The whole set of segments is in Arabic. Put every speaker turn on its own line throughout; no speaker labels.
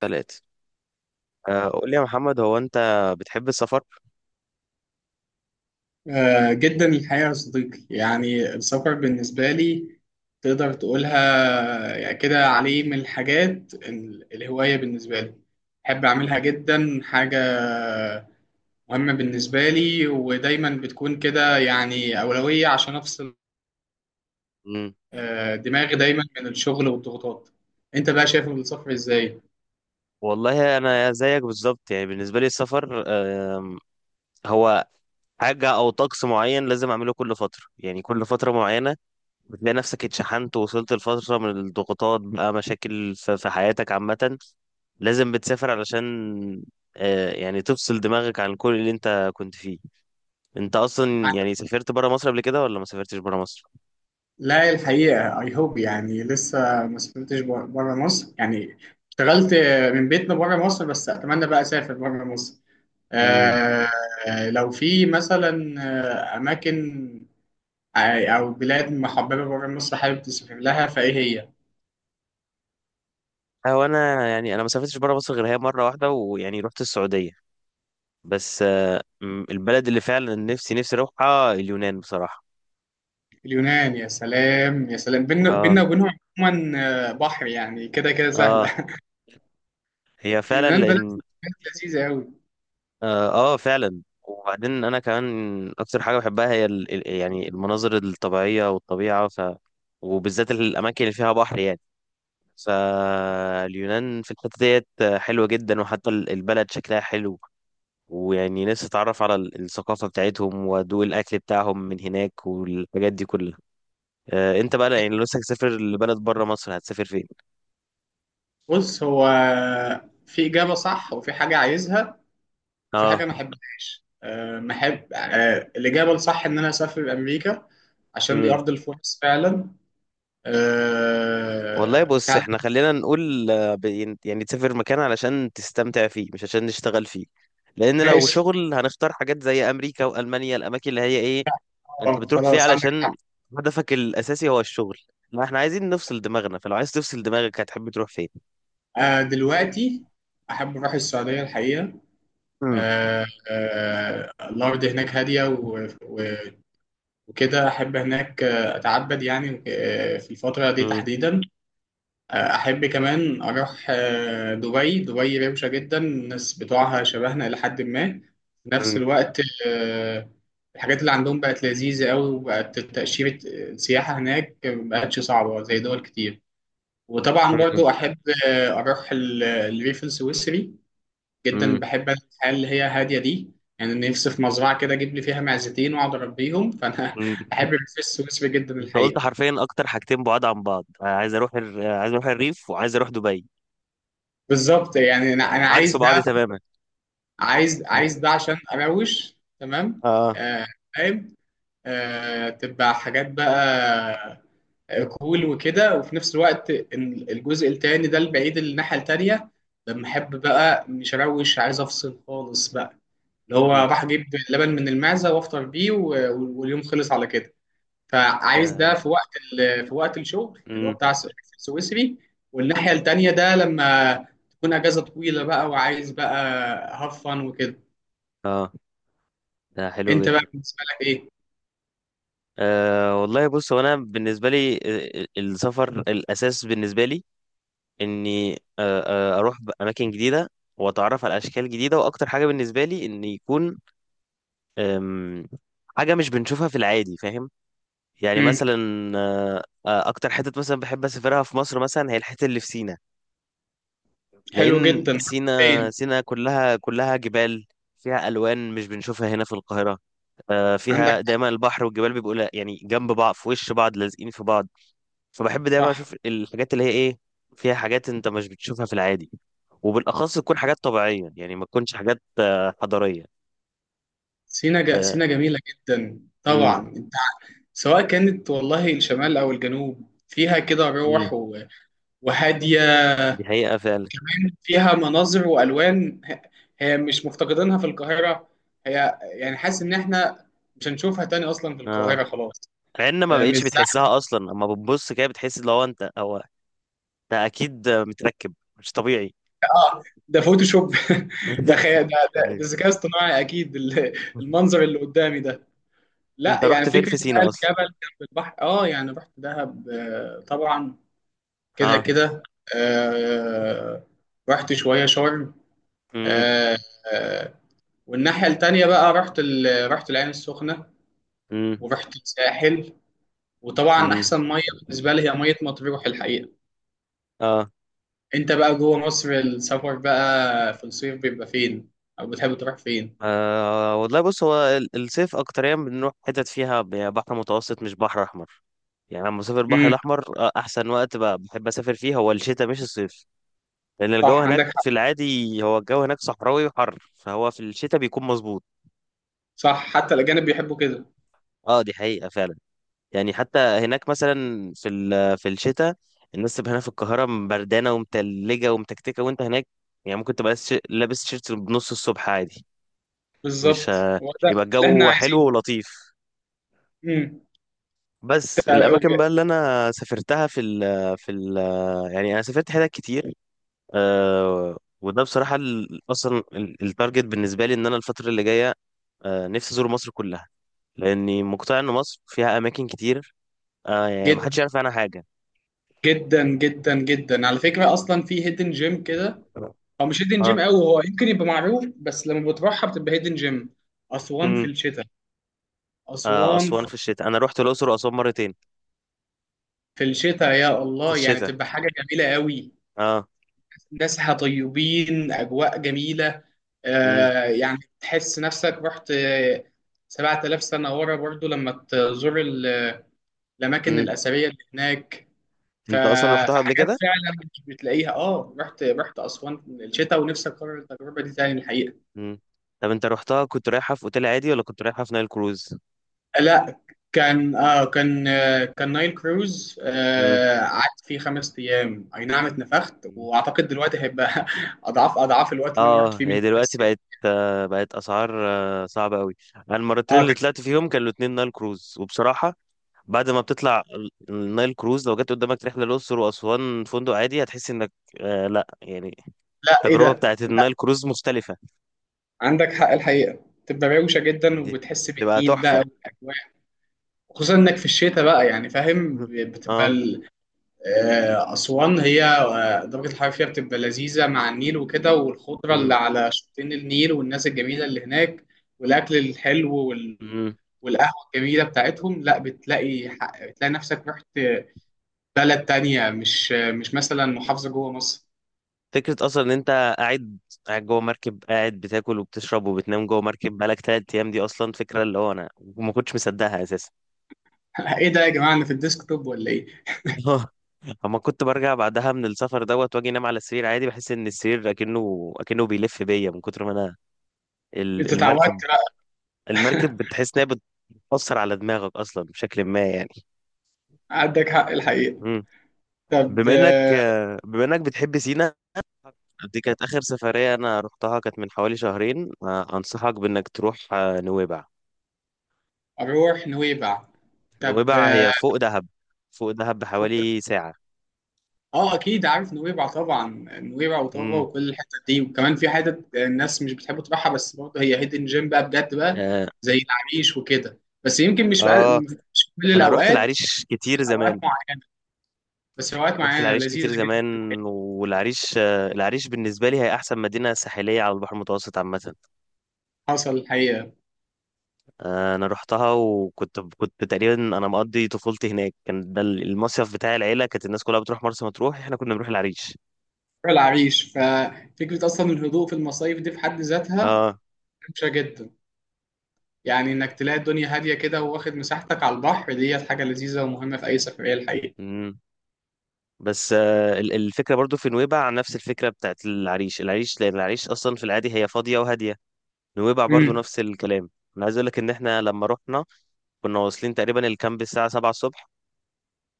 ثلاثة. قول لي يا محمد، هو أنت بتحب السفر؟
جدا الحقيقة يا صديقي، يعني السفر بالنسبة لي تقدر تقولها يعني كده، عليه من الحاجات الهواية بالنسبة لي بحب أعملها. جدا حاجة مهمة بالنسبة لي، ودايما بتكون كده يعني أولوية عشان أفصل
مم.
دماغي دايما من الشغل والضغوطات. أنت بقى شايف السفر إزاي؟
والله أنا زيك بالظبط، يعني بالنسبة لي السفر هو حاجة أو طقس معين لازم أعمله كل فترة، يعني كل فترة معينة بتلاقي نفسك اتشحنت ووصلت لفترة من الضغوطات، بقى مشاكل في حياتك عامة لازم بتسافر علشان يعني تفصل دماغك عن كل اللي أنت كنت فيه. أنت أصلا يعني سافرت برا مصر قبل كده، ولا ما سافرتش برا مصر؟
لا، الحقيقة I hope يعني لسه ما سافرتش بره مصر. يعني اشتغلت من بيتنا بره مصر، بس أتمنى بقى أسافر بره مصر. آه، لو في مثلا أماكن أو بلاد محببة بره مصر حابب تسافر لها، فإيه هي؟
هو انا، يعني انا ما سافرتش بره مصر غير هي مره واحده، ويعني رحت السعوديه. بس البلد اللي فعلا نفسي اروحها اليونان بصراحه.
اليونان، يا سلام يا سلام. بينا
اه.
بينا وبينهم. عموما بحر، يعني كده كده
اه،
سهلة.
هي فعلا
اليونان بلد
لان
بلد لذيذة أوي.
اه, آه فعلا. وبعدين انا كمان اكتر حاجه بحبها هي يعني المناظر الطبيعيه والطبيعه وبالذات الاماكن اللي فيها بحر يعني. فاليونان في الحته ديت حلوه جدا، وحتى البلد شكلها حلو، ويعني نفسي اتعرف على الثقافة بتاعتهم وادوق الاكل بتاعهم من هناك والحاجات دي كلها. آه، انت بقى يعني لو نفسك تسافر لبلد بره مصر، هتسافر فين؟
بص، هو في إجابة صح وفي حاجة عايزها، في حاجة
اه.
ما أحبهاش. ما أحب. الإجابة الصح إن أنا أسافر أمريكا، عشان دي
امم.
أرض الفرص فعلا.
والله
أه،
بص،
فعلا.
احنا خلينا نقول، يعني تسافر مكان علشان تستمتع فيه، مش عشان نشتغل فيه. لان لو
ماشي.
شغل هنختار حاجات زي امريكا والمانيا، الاماكن اللي هي ايه انت بتروح فيها
خلاص، عندك حق.
علشان هدفك الاساسي هو الشغل. ما احنا عايزين نفصل دماغنا، فلو عايز تفصل دماغك هتحب تروح فين؟
أه، دلوقتي أحب أروح السعودية الحقيقة.
امم.
أه أه، الأرض هناك هادية، وكده أحب هناك. أتعبد يعني، في الفترة دي
امم.
تحديدا. احب كمان اروح دبي. دبي روشه جدا، الناس بتوعها شبهنا الى حد ما في نفس
امم.
الوقت. آه، الحاجات اللي عندهم بقت لذيذه قوي، وبقت تاشيره السياحه هناك ما بقتش صعبه زي دول كتير. وطبعا برضو احب اروح الريف السويسري. جدا
امم.
بحب أنا الحياه اللي هي هاديه دي. يعني نفسي في مزرعه كده اجيب لي فيها معزتين واقعد اربيهم، فانا
مم.
احب الريف السويسري جدا
انت قلت
الحقيقه.
حرفيا اكتر حاجتين بعاد عن بعض، انا عايز اروح عايز اروح الريف، وعايز اروح دبي.
بالظبط. يعني انا
آه،
أنا
عكس
عايز ده.
بعض تماما.
عايز ده عشان اروش تمام.
اه.
آه، فاهم. تبقى حاجات بقى كول وكده، وفي نفس الوقت إن الجزء التاني ده البعيد اللي الناحية التانية لما احب بقى مش اروش، عايز افصل خالص بقى، اللي هو
مم.
راح اجيب لبن من المعزة وافطر بيه، واليوم خلص على كده. فعايز
ده.
ده في وقت في وقت الشغل اللي هو
مم.
بتاع السويسري، والناحية التانية ده لما تكون اجازة طويلة بقى، وعايز بقى هفن وكده.
اه، ده حلو
انت بقى
جدا.
بالنسبه لك ايه؟
آه، والله بص، هو انا بالنسبه لي، السفر الاساس بالنسبه لي اني آه اروح اماكن جديده واتعرف على اشكال جديده. واكتر حاجه بالنسبه لي ان يكون آم، حاجه مش بنشوفها في العادي، فاهم؟ يعني
امم.
مثلا آه، اكتر حتة مثلا بحب اسافرها في مصر، مثلا هي الحتة اللي في سينا.
حلو
لان
جدا.
سينا،
فين؟
سينا كلها جبال، فيها الوان مش بنشوفها هنا في القاهرة.
عندك.
فيها دايما البحر والجبال بيبقوا يعني جنب بعض، في وش بعض، لازقين في بعض. فبحب دايما
صح.
اشوف الحاجات اللي هي ايه فيها، حاجات انت مش بتشوفها في العادي، وبالاخص تكون حاجات طبيعية، يعني ما تكونش حاجات حضارية.
سينا
آه.
سينا جميله جدا
امم.
طبعا. انت سواء كانت والله الشمال او الجنوب، فيها كده روح
امم.
و... وهاديه.
دي حقيقة فعلا.
كمان فيها مناظر والوان. هي مش مفتقدينها في القاهره. هي يعني، حاسس ان احنا مش هنشوفها تاني اصلا في
اه،
القاهره، خلاص.
مع ان ما
مش
بقتش
زحمه.
بتحسها اصلا. اما بتبص كده بتحس لو انت او ده اكيد متركب، مش طبيعي.
اه، ده فوتوشوب. ده خيال، ده ده
ايوه.
ده ذكاء اصطناعي اكيد، المنظر اللي قدامي ده. لا،
انت
يعني
رحت فين
فكرة
في
بقى
سينا اصلا؟
الجبل جنب البحر. اه، يعني رحت دهب طبعا، كده
اه.
كده. آه، رحت شوية شرم.
امم.
آه، آه، والناحية التانية بقى رحت العين السخنة،
امم.
ورحت الساحل. وطبعا
امم.
أحسن مية بالنسبة لي هي مية مطروح الحقيقة.
اه.
أنت بقى جوه مصر، السفر بقى في الصيف بيبقى فين؟ أو بتحب تروح فين؟
آه، والله بص، هو الصيف اكتريا بنروح حتت فيها بحر متوسط، مش بحر احمر. يعني لما بسافر البحر
امم.
الاحمر، احسن وقت بحب اسافر فيه هو الشتاء، مش الصيف. لان الجو
صح،
هناك
عندك حق.
في العادي، هو الجو هناك صحراوي وحر، فهو في الشتاء بيكون مظبوط.
صح، حتى الأجانب بيحبوا كده.
اه، دي حقيقة فعلا. يعني حتى هناك مثلا في في الشتاء، الناس تبقى هنا في القاهرة بردانة ومتلجة ومتكتكة، وانت هناك يعني ممكن تبقى لابس تيشيرت بنص الصبح عادي. مش
بالظبط،
ه-
هو ده
يبقى
اللي احنا
الجو حلو
عايزينه.
ولطيف. بس
امم.
الأماكن بقى اللي أنا سافرتها في ال يعني أنا سافرت حتت كتير. آه، وده بصراحة التارجت بالنسبة لي إن أنا الفترة اللي جاية آه، نفسي أزور مصر كلها، لأني مقتنع إن مصر فيها أماكن كتير آه، يعني
جدا
محدش يعرف عنها حاجة.
جدا جدا جدا، على فكرة، أصلا في هيدن جيم كده. هو مش هيدن جيم قوي، هو يمكن يبقى معروف، بس لما بتروحها بتبقى هيدن جيم. أسوان في
اه.
الشتاء.
آه،
أسوان في
أسوان في الشتاء. أنا رحت الأقصر وأسوان مرتين
في الشتاء، يا
في
الله، يعني
الشتاء.
بتبقى حاجة جميلة قوي.
أه.
ناسها طيبين، أجواء جميلة.
امم.
آه يعني تحس نفسك رحت 7000 سنة ورا، برضو لما تزور الأماكن
امم.
الأثرية اللي هناك. ف-
أنت أصلا رحتها قبل
فحاجات
كده؟
فعلا مش بتلاقيها. اه، رحت اسوان الشتاء، ونفسي اكرر التجربه دي تاني الحقيقه.
امم. طب أنت رحتها كنت رايحة في أوتيل عادي، ولا كنت رايحة في نايل كروز؟
لا، كان. كان نايل كروز.
امم.
آه، قعدت فيه 5 ايام، اي نعم، اتنفخت. واعتقد دلوقتي هيبقى اضعاف الوقت اللي انا رحت
أه،
فيه من.
هي
بس
دلوقتي بقت آه، بقت أسعار آه، صعبة أوي. أنا المرتين
اه،
اللي
كان.
طلعت فيهم كانوا الاتنين نايل كروز، وبصراحة بعد ما بتطلع النايل كروز، لو جت قدامك رحلة الأقصر وأسوان فندق عادي هتحس إنك آه، لأ، يعني
لا، ايه
التجربة
ده؟
بتاعت النايل كروز مختلفة.
عندك حق الحقيقه. تبقى روشه جدا،
دي
وبتحس
تبقى
بالنيل بقى
تحفة.
والاجواء. خصوصا انك في الشتاء بقى يعني، فاهم، بتبقى
أه.
أسوان هي درجة الحرارة فيها بتبقى لذيذة مع النيل وكده، والخضرة اللي على شطين النيل والناس الجميلة اللي هناك، والأكل الحلو،
مم.
والقهوة الجميلة بتاعتهم. لا، بتلاقي نفسك رحت بلد تانية، مش مثلا محافظة جوه مصر.
فكرة أصلا إن أنت قاعد قاعد جوه مركب، قاعد بتاكل وبتشرب وبتنام جوه مركب بقالك تلات أيام. دي أصلا فكرة اللي هو أنا ما كنتش مصدقها أساسا.
إيه ده يا جماعة، أنا في الديسكتوب ولا إيه؟
أما كنت برجع بعدها من السفر دوت وأجي أنام على السرير عادي، بحس إن السرير أكنه بيلف بيا من كتر ما أنا ال-
أنت
المركب
اتعودت. لا،
المركب، بتحس إنها بتأثر على دماغك أصلا بشكل ما يعني.
عندك حق الحقيقة.
مم.
طب
بما إنك بتحب سينا، دي كانت آخر سفرية أنا رحتها، كانت من حوالي شهرين. آه، أنصحك بإنك تروح آه، نويبع.
أروح نويبع. طب
نويبع هي فوق دهب، فوق دهب
فوق.
بحوالي ساعة.
اه، اكيد عارف نويبع طبعا. نويبع وطابا
امم.
وكل الحتت دي. وكمان في حتت الناس مش بتحب تروحها، بس برضه هي هيدن جيم بقى، بجد بقى،
اه.
زي العريش وكده. بس يمكن مش بقى،
آه،
مش في كل
انا رحت
الاوقات،
العريش
في
كتير
اوقات
زمان.
معينه. بس في اوقات
رحت
معينه
العريش
لذيذه
كتير
جدا.
زمان. والعريش آه، العريش بالنسبة لي هي أحسن مدينة ساحلية على البحر المتوسط عامة.
حصل الحقيقه.
آه، أنا رحتها، وكنت تقريبا أنا مقضي طفولتي هناك، كان ده المصيف بتاع العيلة. كانت الناس كلها بتروح مرسى مطروح، إحنا كنا بنروح العريش.
روح العريش، ففكره اصلا الهدوء في المصايف دي في حد ذاتها
اه.
ممشى جدا. يعني انك تلاقي الدنيا هاديه كده، واخد مساحتك على البحر، ديت حاجه لذيذه ومهمه في اي سفريه الحقيقه.
امم. بس آه، ال- الفكرة برضو في نويبع نفس الفكرة بتاعت العريش. العريش لأن العريش أصلا في العادي هي فاضية وهادية، نويبع برضو
امم.
نفس الكلام. انا عايز اقول لك ان احنا لما رحنا كنا واصلين تقريبا الكامب الساعه 7 الصبح،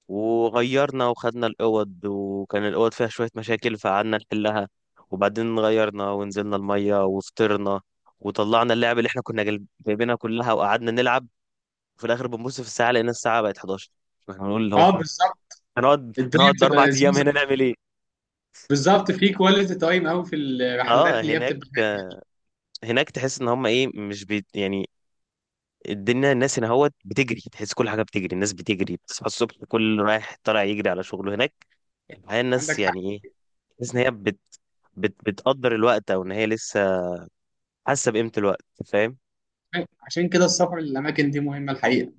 وغيرنا وخدنا الاوض، وكان الاوض فيها شويه مشاكل فقعدنا نحلها، وبعدين غيرنا ونزلنا الميه وفطرنا، وطلعنا اللعب اللي احنا كنا جايبينها كلها وقعدنا نلعب، وفي الاخر بنبص في الساعه لقينا الساعه بقت 11. احنا هنقول اللي هو
اه،
احنا
بالظبط.
هنقعد
الدنيا
هنقعد
بتبقى
اربع ايام هنا
لذيذه،
نعمل ايه؟
بالظبط. في كواليتي تايم قوي في
اه،
الرحلات اللي هي
هناك،
بتبقى.
هناك تحس ان هم ايه، مش بي يعني. الدنيا الناس هنا هوت بتجري، تحس كل حاجه بتجري، الناس بتجري، بتصحى الصبح كل رايح طالع يجري على شغله. هناك الحقيقه الناس
عندك حق.
يعني ايه، تحس ان هي بتقدر الوقت، او ان هي لسه حاسه بقيمه الوقت، فاهم؟
عشان كده السفر للاماكن دي مهمه الحقيقه.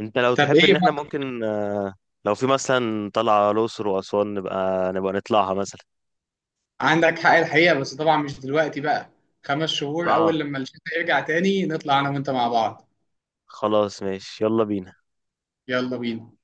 انت لو
طب
تحب
ايه
ان احنا
بقى؟
ممكن آه، لو في مثلا طلعه الاقصر واسوان، نبقى نطلعها مثلا.
عندك حق الحقيقه، بس طبعا مش دلوقتي بقى. 5 شهور اول
اه،
لما الشتاء يرجع تاني، نطلع انا وانت مع بعض.
خلاص ماشي، يلا بينا.
يلا بينا.